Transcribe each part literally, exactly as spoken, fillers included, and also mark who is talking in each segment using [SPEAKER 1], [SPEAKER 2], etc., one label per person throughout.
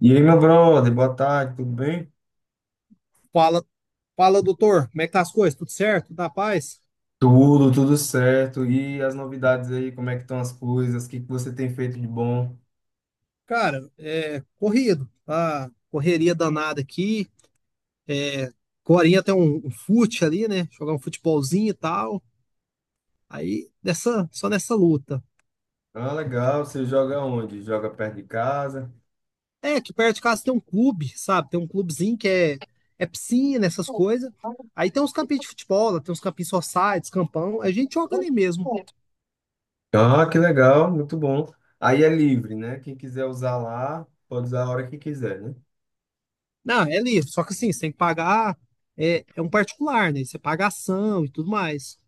[SPEAKER 1] E aí, meu brother, boa tarde, tudo bem?
[SPEAKER 2] Fala, fala, doutor, como é que tá as coisas? Tudo certo? Tudo na paz?
[SPEAKER 1] Tudo, tudo certo. E as novidades aí, como é que estão as coisas? O que que você tem feito de bom?
[SPEAKER 2] Cara, é corrido, tá? Correria danada aqui. É, agorinha tem um, um fute ali, né? Jogar um futebolzinho e tal. Aí, nessa, só nessa luta.
[SPEAKER 1] Ah, legal, você joga onde? Joga perto de casa?
[SPEAKER 2] É, aqui perto de casa tem um clube, sabe? Tem um clubezinho que é, é piscina, essas coisas. Aí tem uns campinhos de futebol, lá tem uns campinhos society, campão. A gente joga ali mesmo.
[SPEAKER 1] Ah, que legal, muito bom. Aí é livre, né? Quem quiser usar lá, pode usar a hora que quiser, né?
[SPEAKER 2] Não, é livre, só que assim, você tem que pagar. É, é um particular, né? Você paga ação e tudo mais.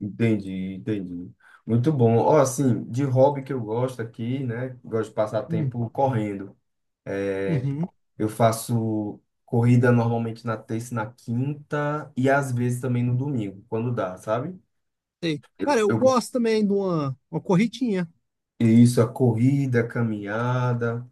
[SPEAKER 1] Entendi, entendi. Muito bom. Ó, assim, de hobby que eu gosto aqui, né? Gosto de passar
[SPEAKER 2] Hum.
[SPEAKER 1] tempo correndo.
[SPEAKER 2] Uhum,
[SPEAKER 1] Eu faço corrida normalmente na terça e na quinta e às vezes também no domingo, quando dá, sabe?
[SPEAKER 2] sei. Cara, eu
[SPEAKER 1] Eu,
[SPEAKER 2] gosto também de uma, uma corridinha.
[SPEAKER 1] isso, a corrida, a caminhada,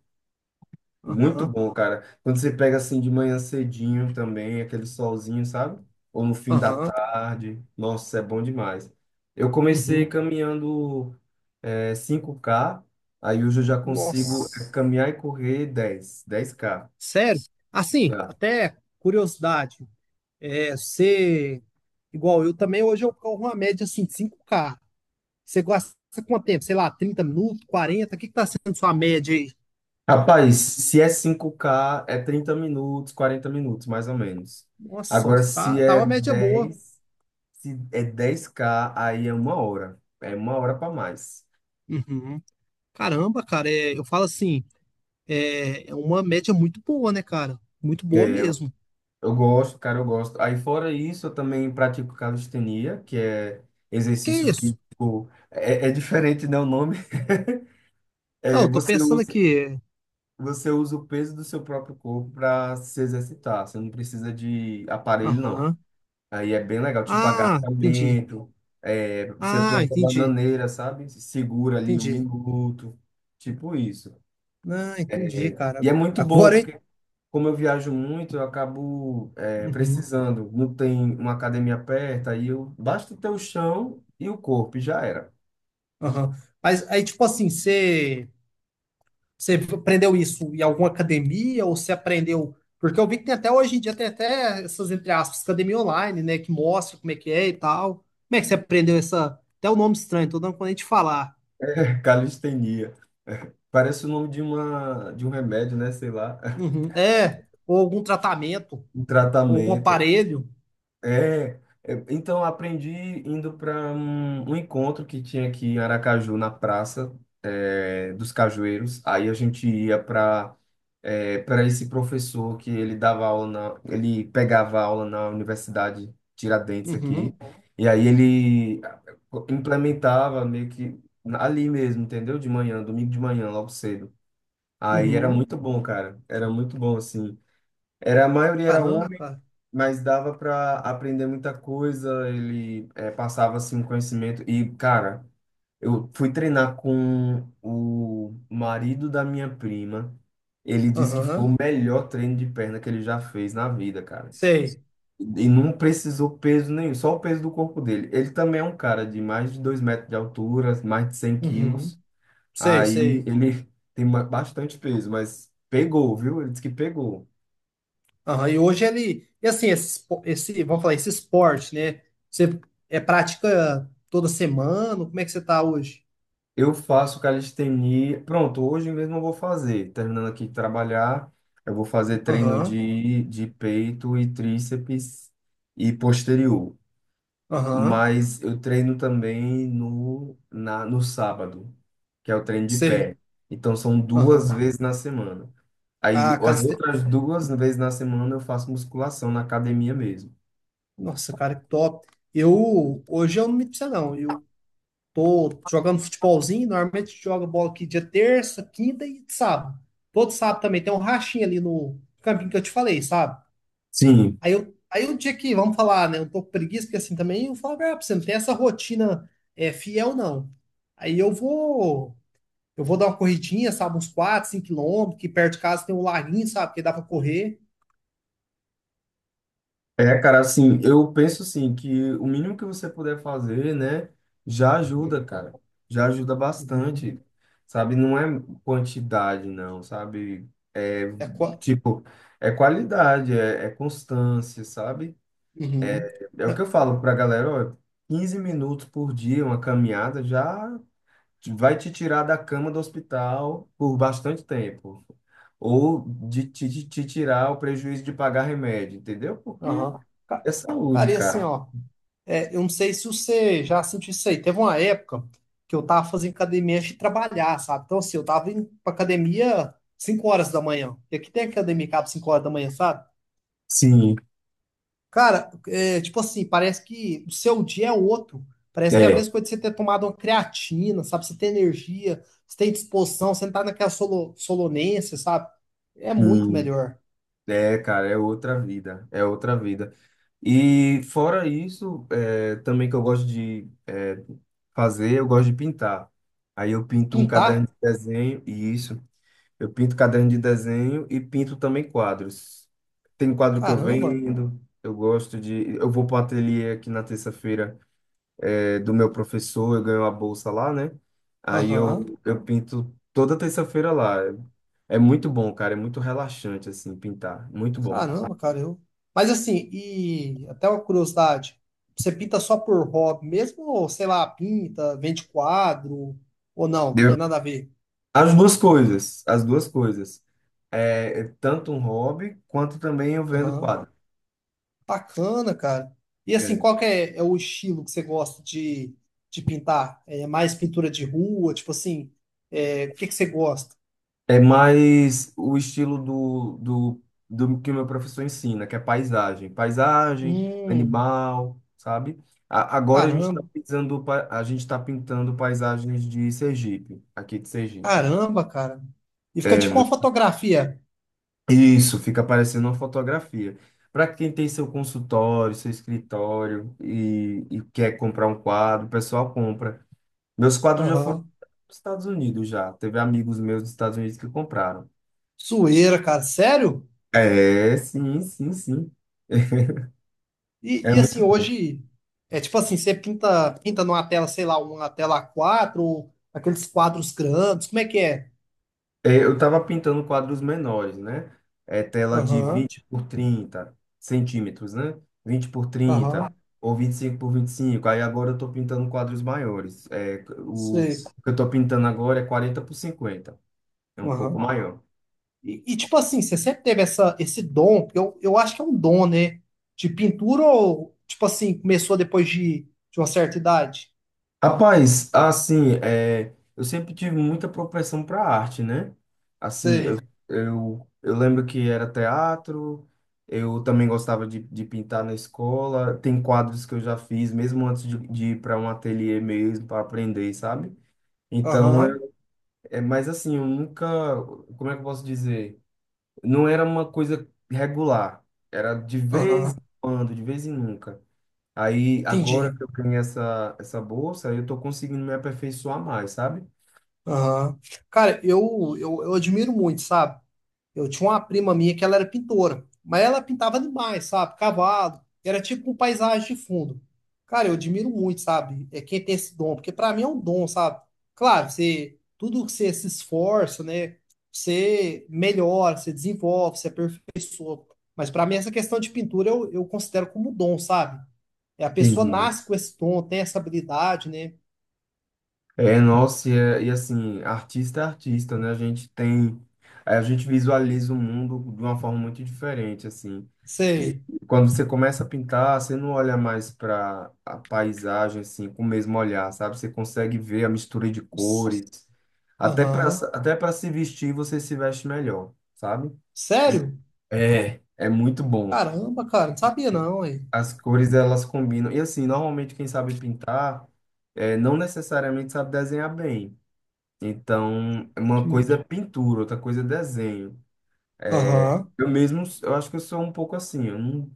[SPEAKER 1] muito
[SPEAKER 2] Aham,
[SPEAKER 1] bom, cara. Quando você pega assim de manhã cedinho também, aquele solzinho, sabe? Ou no fim da
[SPEAKER 2] aham,
[SPEAKER 1] tarde, nossa, é bom demais. Eu comecei
[SPEAKER 2] uhum.
[SPEAKER 1] caminhando é, cinco K, aí hoje eu já consigo é,
[SPEAKER 2] Nossa.
[SPEAKER 1] caminhar e correr dez, dez k
[SPEAKER 2] Sério? Assim,
[SPEAKER 1] já.
[SPEAKER 2] até curiosidade. É, você, igual eu também, hoje eu corro uma média assim, de cinco K. Você gasta quanto tempo? Sei lá, trinta minutos, quarenta. O que que tá sendo sua média aí?
[SPEAKER 1] Rapaz, se é cinco k é trinta minutos, quarenta minutos, mais ou menos.
[SPEAKER 2] Nossa,
[SPEAKER 1] Agora, se
[SPEAKER 2] tá, tá
[SPEAKER 1] é
[SPEAKER 2] uma média boa.
[SPEAKER 1] dez, se é dez k aí é uma hora. É uma hora para mais.
[SPEAKER 2] Uhum. Caramba, cara, é, eu falo assim, é, é uma média muito boa, né, cara? Muito boa
[SPEAKER 1] É,
[SPEAKER 2] mesmo.
[SPEAKER 1] eu gosto, cara, eu gosto. Aí, fora isso, eu também pratico calistenia, que é
[SPEAKER 2] Que
[SPEAKER 1] exercício
[SPEAKER 2] isso?
[SPEAKER 1] físico. É, é diferente, né, o nome?
[SPEAKER 2] Não,
[SPEAKER 1] É,
[SPEAKER 2] eu tô
[SPEAKER 1] você
[SPEAKER 2] pensando
[SPEAKER 1] usa,
[SPEAKER 2] aqui. é,
[SPEAKER 1] você usa o peso do seu próprio corpo para se exercitar. Você não precisa de aparelho, não.
[SPEAKER 2] Aham.
[SPEAKER 1] Aí é bem legal, tipo
[SPEAKER 2] Ah, entendi.
[SPEAKER 1] agachamento, é, você
[SPEAKER 2] Ah,
[SPEAKER 1] planta
[SPEAKER 2] entendi.
[SPEAKER 1] bananeira, sabe? Se Segura ali um
[SPEAKER 2] Entendi.
[SPEAKER 1] minuto, tipo isso.
[SPEAKER 2] Ah, entendi, cara.
[SPEAKER 1] E é muito bom,
[SPEAKER 2] Agora, hein?
[SPEAKER 1] porque como eu viajo muito, eu acabo é,
[SPEAKER 2] Uhum.
[SPEAKER 1] precisando. Não tem uma academia perto, aí eu basta ter o chão e o corpo, e já era.
[SPEAKER 2] Aham. Mas aí, tipo assim, você, você aprendeu isso em alguma academia ou você aprendeu? Porque eu vi que tem até hoje em dia, tem até essas, entre aspas, academia online, né? Que mostra como é que é e tal. Como é que você aprendeu essa. Até o nome estranho, tô dando quando a gente falar.
[SPEAKER 1] Calistenia. Parece o nome de uma de um remédio, né? Sei lá,
[SPEAKER 2] Uhum. É, ou algum tratamento,
[SPEAKER 1] um
[SPEAKER 2] ou algum
[SPEAKER 1] tratamento.
[SPEAKER 2] aparelho.
[SPEAKER 1] É, eu- então eu aprendi indo para um, um encontro que tinha aqui em Aracaju, na Praça é, dos Cajueiros. Aí a gente ia para é, para esse professor que ele dava aula na, ele pegava aula na Universidade Tiradentes aqui.
[SPEAKER 2] Uhum.
[SPEAKER 1] E aí ele eh, implementava meio que ali mesmo, entendeu? De manhã, domingo de manhã, logo cedo. Aí era
[SPEAKER 2] Uhum.
[SPEAKER 1] muito bom, cara. Era muito bom, assim. Era, a maioria era
[SPEAKER 2] Caramba,
[SPEAKER 1] homem,
[SPEAKER 2] cara.
[SPEAKER 1] mas dava para aprender muita coisa. Ele eh, passava assim um conhecimento e cara, eu fui treinar com o marido da minha prima. Ele disse que foi
[SPEAKER 2] Aham.
[SPEAKER 1] o melhor treino de perna que ele já fez na vida, cara.
[SPEAKER 2] Sei.
[SPEAKER 1] E não precisou peso nenhum, só o peso do corpo dele. Ele também é um cara de mais de dois metros de altura, mais de cem quilos.
[SPEAKER 2] Uhum. Sei,
[SPEAKER 1] Aí
[SPEAKER 2] sei.
[SPEAKER 1] ele tem ba- bastante peso, mas pegou, viu? Ele disse que pegou.
[SPEAKER 2] Aham. E hoje ele. E assim, esse, espo- esse, vamos falar, esse esporte, né? Você é prática toda semana? Como é que você tá hoje?
[SPEAKER 1] Eu faço calistenia. Pronto, hoje mesmo eu vou fazer. Terminando aqui de trabalhar, eu vou fazer treino
[SPEAKER 2] Aham,
[SPEAKER 1] de, de peito e tríceps e posterior.
[SPEAKER 2] aham,
[SPEAKER 1] Mas eu treino também no, na, no sábado, que é o treino de pé.
[SPEAKER 2] sei.
[SPEAKER 1] Então são duas
[SPEAKER 2] Aham.
[SPEAKER 1] vezes na semana. Aí
[SPEAKER 2] Ah,
[SPEAKER 1] as
[SPEAKER 2] caliste...
[SPEAKER 1] outras duas vezes na semana eu faço musculação na academia mesmo.
[SPEAKER 2] Nossa, cara, que top. Eu, hoje eu não me precisa, não. Eu tô jogando futebolzinho, normalmente joga bola aqui dia terça, quinta e sábado. Todo sábado também tem um rachinho ali no campinho que eu te falei, sabe?
[SPEAKER 1] Sim,
[SPEAKER 2] Aí eu, aí um dia que, vamos falar, né? Um pouco preguiça, porque assim também eu falo, ah, você não tem essa rotina é, fiel, não. Aí eu vou, eu vou dar uma corridinha, sabe, uns quatro, cinco quilômetros, que perto de casa tem um laguinho, sabe, que dá pra correr.
[SPEAKER 1] é, cara, assim, eu penso assim que o mínimo que você puder fazer, né, já ajuda,
[SPEAKER 2] Uhum,
[SPEAKER 1] cara. Já ajuda
[SPEAKER 2] uhum.
[SPEAKER 1] bastante, sabe? Não é quantidade, não, sabe? É,
[SPEAKER 2] É, qua-
[SPEAKER 1] tipo, é qualidade, é, é constância, sabe?
[SPEAKER 2] uhum.
[SPEAKER 1] É o que eu
[SPEAKER 2] Né?
[SPEAKER 1] falo pra galera, ó, quinze minutos por dia, uma caminhada já te- vai te tirar da cama do hospital por bastante tempo. Ou de te, te te tirar o prejuízo de pagar remédio, entendeu? Porque
[SPEAKER 2] Aham. Ca-
[SPEAKER 1] é saúde,
[SPEAKER 2] Cara, e assim,
[SPEAKER 1] cara.
[SPEAKER 2] ó, é, eu não sei se você já sentiu isso aí. Teve uma época que eu tava fazendo academia antes de trabalhar, sabe? Então, assim, eu tava indo pra academia cinco horas da manhã. E aqui tem academia que abre cinco horas da manhã, sabe?
[SPEAKER 1] Sim,
[SPEAKER 2] Cara, é, tipo assim, parece que o seu dia é outro. Parece que é a
[SPEAKER 1] é,
[SPEAKER 2] mesma coisa de você ter tomado uma creatina, sabe? Você tem energia, você tem disposição, você não tá naquela solo, solonência, sabe? É muito
[SPEAKER 1] hum,
[SPEAKER 2] melhor.
[SPEAKER 1] é, cara, é outra vida, é outra vida. E fora isso, é, também que eu gosto de é, fazer, eu gosto de pintar. Aí eu pinto um
[SPEAKER 2] Pintar?
[SPEAKER 1] caderno de desenho, e isso, eu pinto caderno de desenho e pinto também quadros. Tem quadro que eu
[SPEAKER 2] Caramba.
[SPEAKER 1] vendo, eu gosto de, eu vou para o ateliê aqui na terça-feira é, do meu professor, eu ganho a bolsa lá, né? Aí
[SPEAKER 2] Aham.
[SPEAKER 1] eu, eu pinto toda terça-feira lá. É muito bom, cara, é muito relaxante, assim, pintar. Muito bom.
[SPEAKER 2] Caramba, cara, eu. Mas assim, e até uma curiosidade, você pinta só por hobby mesmo? Ou, sei lá, pinta, vende quadro, ou não?
[SPEAKER 1] Deu.
[SPEAKER 2] Tem nada a ver.
[SPEAKER 1] As duas coisas, as duas coisas. É, é tanto um hobby, quanto também eu vendo
[SPEAKER 2] Aham.
[SPEAKER 1] quadro.
[SPEAKER 2] Bacana, cara. E assim,
[SPEAKER 1] É.
[SPEAKER 2] qual que é, é o estilo que você gosta de, de pintar? É mais pintura de rua? Tipo assim, é, o que que você gosta?
[SPEAKER 1] É mais o estilo do, do, do que o meu professor ensina, que é paisagem. Paisagem,
[SPEAKER 2] Hum,
[SPEAKER 1] animal, sabe? A- agora a gente está
[SPEAKER 2] caramba,
[SPEAKER 1] pintando, pa- a gente tá pintando paisagens de Sergipe, aqui de Sergipe.
[SPEAKER 2] caramba, cara. E fica
[SPEAKER 1] É,
[SPEAKER 2] tipo uma fotografia.
[SPEAKER 1] isso, fica parecendo uma fotografia. Para quem tem seu consultório, seu escritório e, e quer comprar um quadro, o pessoal compra. Meus quadros já foram
[SPEAKER 2] Aham.
[SPEAKER 1] para os Estados Unidos já. Teve amigos meus dos Estados Unidos que compraram.
[SPEAKER 2] Zoeira, cara. Sério?
[SPEAKER 1] É, sim, sim, sim.
[SPEAKER 2] E,
[SPEAKER 1] É
[SPEAKER 2] e
[SPEAKER 1] muito
[SPEAKER 2] assim,
[SPEAKER 1] bom.
[SPEAKER 2] hoje é tipo assim, você pinta, pinta numa tela, sei lá, uma tela A quatro, ou aqueles quadros grandes, como é que é?
[SPEAKER 1] É, eu estava pintando quadros menores, né? É tela de
[SPEAKER 2] Aham,
[SPEAKER 1] vinte por trinta centímetros, né? Vinte por trinta
[SPEAKER 2] aham,
[SPEAKER 1] ou vinte e cinco por vinte e cinco. Aí agora eu estou pintando quadros maiores. É, o o
[SPEAKER 2] sei.
[SPEAKER 1] que eu estou pintando agora é quarenta por cinquenta. É um pouco maior.
[SPEAKER 2] E, e, tipo assim, você sempre teve essa, esse dom, porque eu, eu acho que é um dom, né? De pintura ou, tipo assim, começou depois de, de uma certa idade?
[SPEAKER 1] Rapaz, assim, é, eu sempre tive muita propensão para arte, né? Assim, eu,
[SPEAKER 2] Sei.
[SPEAKER 1] eu, eu lembro que era teatro, eu também gostava de, de pintar na escola, tem quadros que eu já fiz, mesmo antes de, de ir para um ateliê mesmo, para aprender, sabe? Então, é,
[SPEAKER 2] Aham,
[SPEAKER 1] é, mas assim, eu nunca, como é que eu posso dizer? Não era uma coisa regular, era de vez em
[SPEAKER 2] aham.
[SPEAKER 1] quando, de vez em nunca. Aí, agora
[SPEAKER 2] Entendi.
[SPEAKER 1] que eu ganhei essa, essa bolsa, eu tô conseguindo me aperfeiçoar mais, sabe?
[SPEAKER 2] Aham. Cara, eu, eu, eu admiro muito, sabe? Eu tinha uma prima minha que ela era pintora, mas ela pintava demais, sabe? Cavalo, era tipo com paisagem de fundo. Cara, eu admiro muito, sabe? É quem tem esse dom, porque pra mim é um dom, sabe? Claro, você, tudo que você se esforça, né? Você melhora, você desenvolve, você aperfeiçoa. Mas pra mim essa questão de pintura eu, eu considero como um dom, sabe? É a pessoa
[SPEAKER 1] Entendi.
[SPEAKER 2] nasce com esse dom, tem essa habilidade, né?
[SPEAKER 1] É, nossa, e, é- e assim, artista é artista, né? A gente tem, a gente visualiza o mundo de uma forma muito diferente, assim.
[SPEAKER 2] Sei.
[SPEAKER 1] Quando você começa a pintar, você não olha mais para a paisagem, assim, com o mesmo olhar, sabe? Você consegue ver a mistura de
[SPEAKER 2] Os-
[SPEAKER 1] cores. Até para
[SPEAKER 2] Aham.
[SPEAKER 1] até para se vestir, você se veste melhor, sabe?
[SPEAKER 2] Sério?
[SPEAKER 1] É, é muito bom.
[SPEAKER 2] Caramba, cara, não sabia não, hein?
[SPEAKER 1] As cores elas combinam. E assim, normalmente quem sabe pintar é, não necessariamente sabe desenhar bem. Então, é uma coisa é pintura, outra coisa é desenho.
[SPEAKER 2] Aham.
[SPEAKER 1] Eu mesmo, eu acho que eu sou um pouco assim, eu não,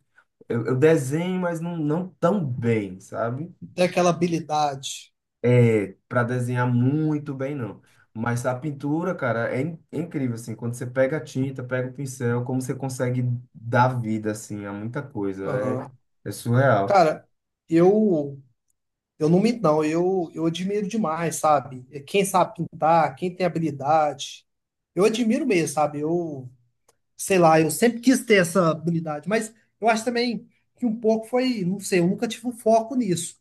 [SPEAKER 1] eu, eu desenho, mas não, não tão bem, sabe?
[SPEAKER 2] Tem aquela habilidade.
[SPEAKER 1] É, para desenhar muito bem, não. Mas a pintura, cara, é, in- é incrível, assim, quando você pega a tinta, pega o pincel, como você consegue dar vida, assim, a muita coisa,
[SPEAKER 2] Aham.
[SPEAKER 1] é, é surreal.
[SPEAKER 2] Cara, eu eu não minto, não. Eu, eu admiro demais, sabe? É quem sabe pintar, quem tem habilidade. Eu admiro mesmo, sabe? Eu, sei lá, eu sempre quis ter essa habilidade, mas eu acho também que um pouco foi, não sei, eu nunca tive um foco nisso.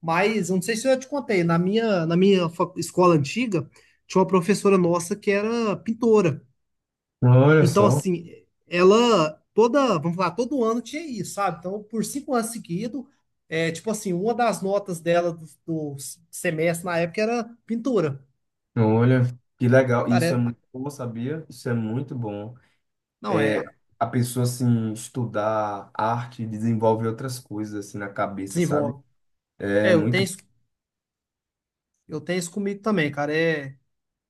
[SPEAKER 2] Mas eu não sei se eu te contei, na minha, na minha fa- escola antiga, tinha uma professora nossa que era pintora.
[SPEAKER 1] Olha
[SPEAKER 2] Então,
[SPEAKER 1] só.
[SPEAKER 2] assim, ela toda, vamos falar, todo ano tinha isso, sabe? Então, por cinco anos seguidos, é, tipo assim, uma das notas dela do, do semestre na época era pintura.
[SPEAKER 1] Olha, que legal.
[SPEAKER 2] Cara,
[SPEAKER 1] Isso é
[SPEAKER 2] é-
[SPEAKER 1] muito bom, sabia? Isso é muito bom.
[SPEAKER 2] não,
[SPEAKER 1] É,
[SPEAKER 2] é,
[SPEAKER 1] a pessoa, assim, estudar arte, desenvolve outras coisas, assim, na cabeça, sabe?
[SPEAKER 2] desenvolve.
[SPEAKER 1] É
[SPEAKER 2] É, eu tenho,
[SPEAKER 1] muito
[SPEAKER 2] isso- eu tenho isso comigo também, cara. É,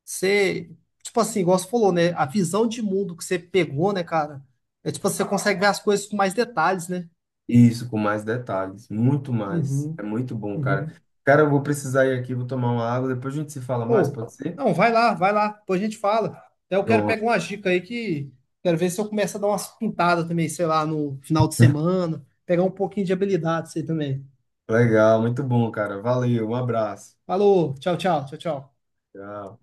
[SPEAKER 2] você, tipo assim, igual você falou, né? A visão de mundo que você pegou, né, cara? É tipo, você consegue ver as coisas com mais detalhes, né?
[SPEAKER 1] isso, com mais detalhes, muito mais. É
[SPEAKER 2] Uhum,
[SPEAKER 1] muito bom, cara.
[SPEAKER 2] uhum.
[SPEAKER 1] Cara, eu vou precisar ir aqui, vou tomar uma água, depois a gente se fala mais,
[SPEAKER 2] Ou,
[SPEAKER 1] pode ser?
[SPEAKER 2] não, vai lá, vai lá, depois a gente fala. Até eu quero
[SPEAKER 1] Pronto.
[SPEAKER 2] pegar uma dica aí que quero ver se eu começo a dar umas pintadas também, sei lá, no final de semana, pegar um pouquinho de habilidade isso aí também.
[SPEAKER 1] Legal, muito bom, cara. Valeu, um abraço.
[SPEAKER 2] Falou, tchau, tchau, tchau, tchau.
[SPEAKER 1] Tchau.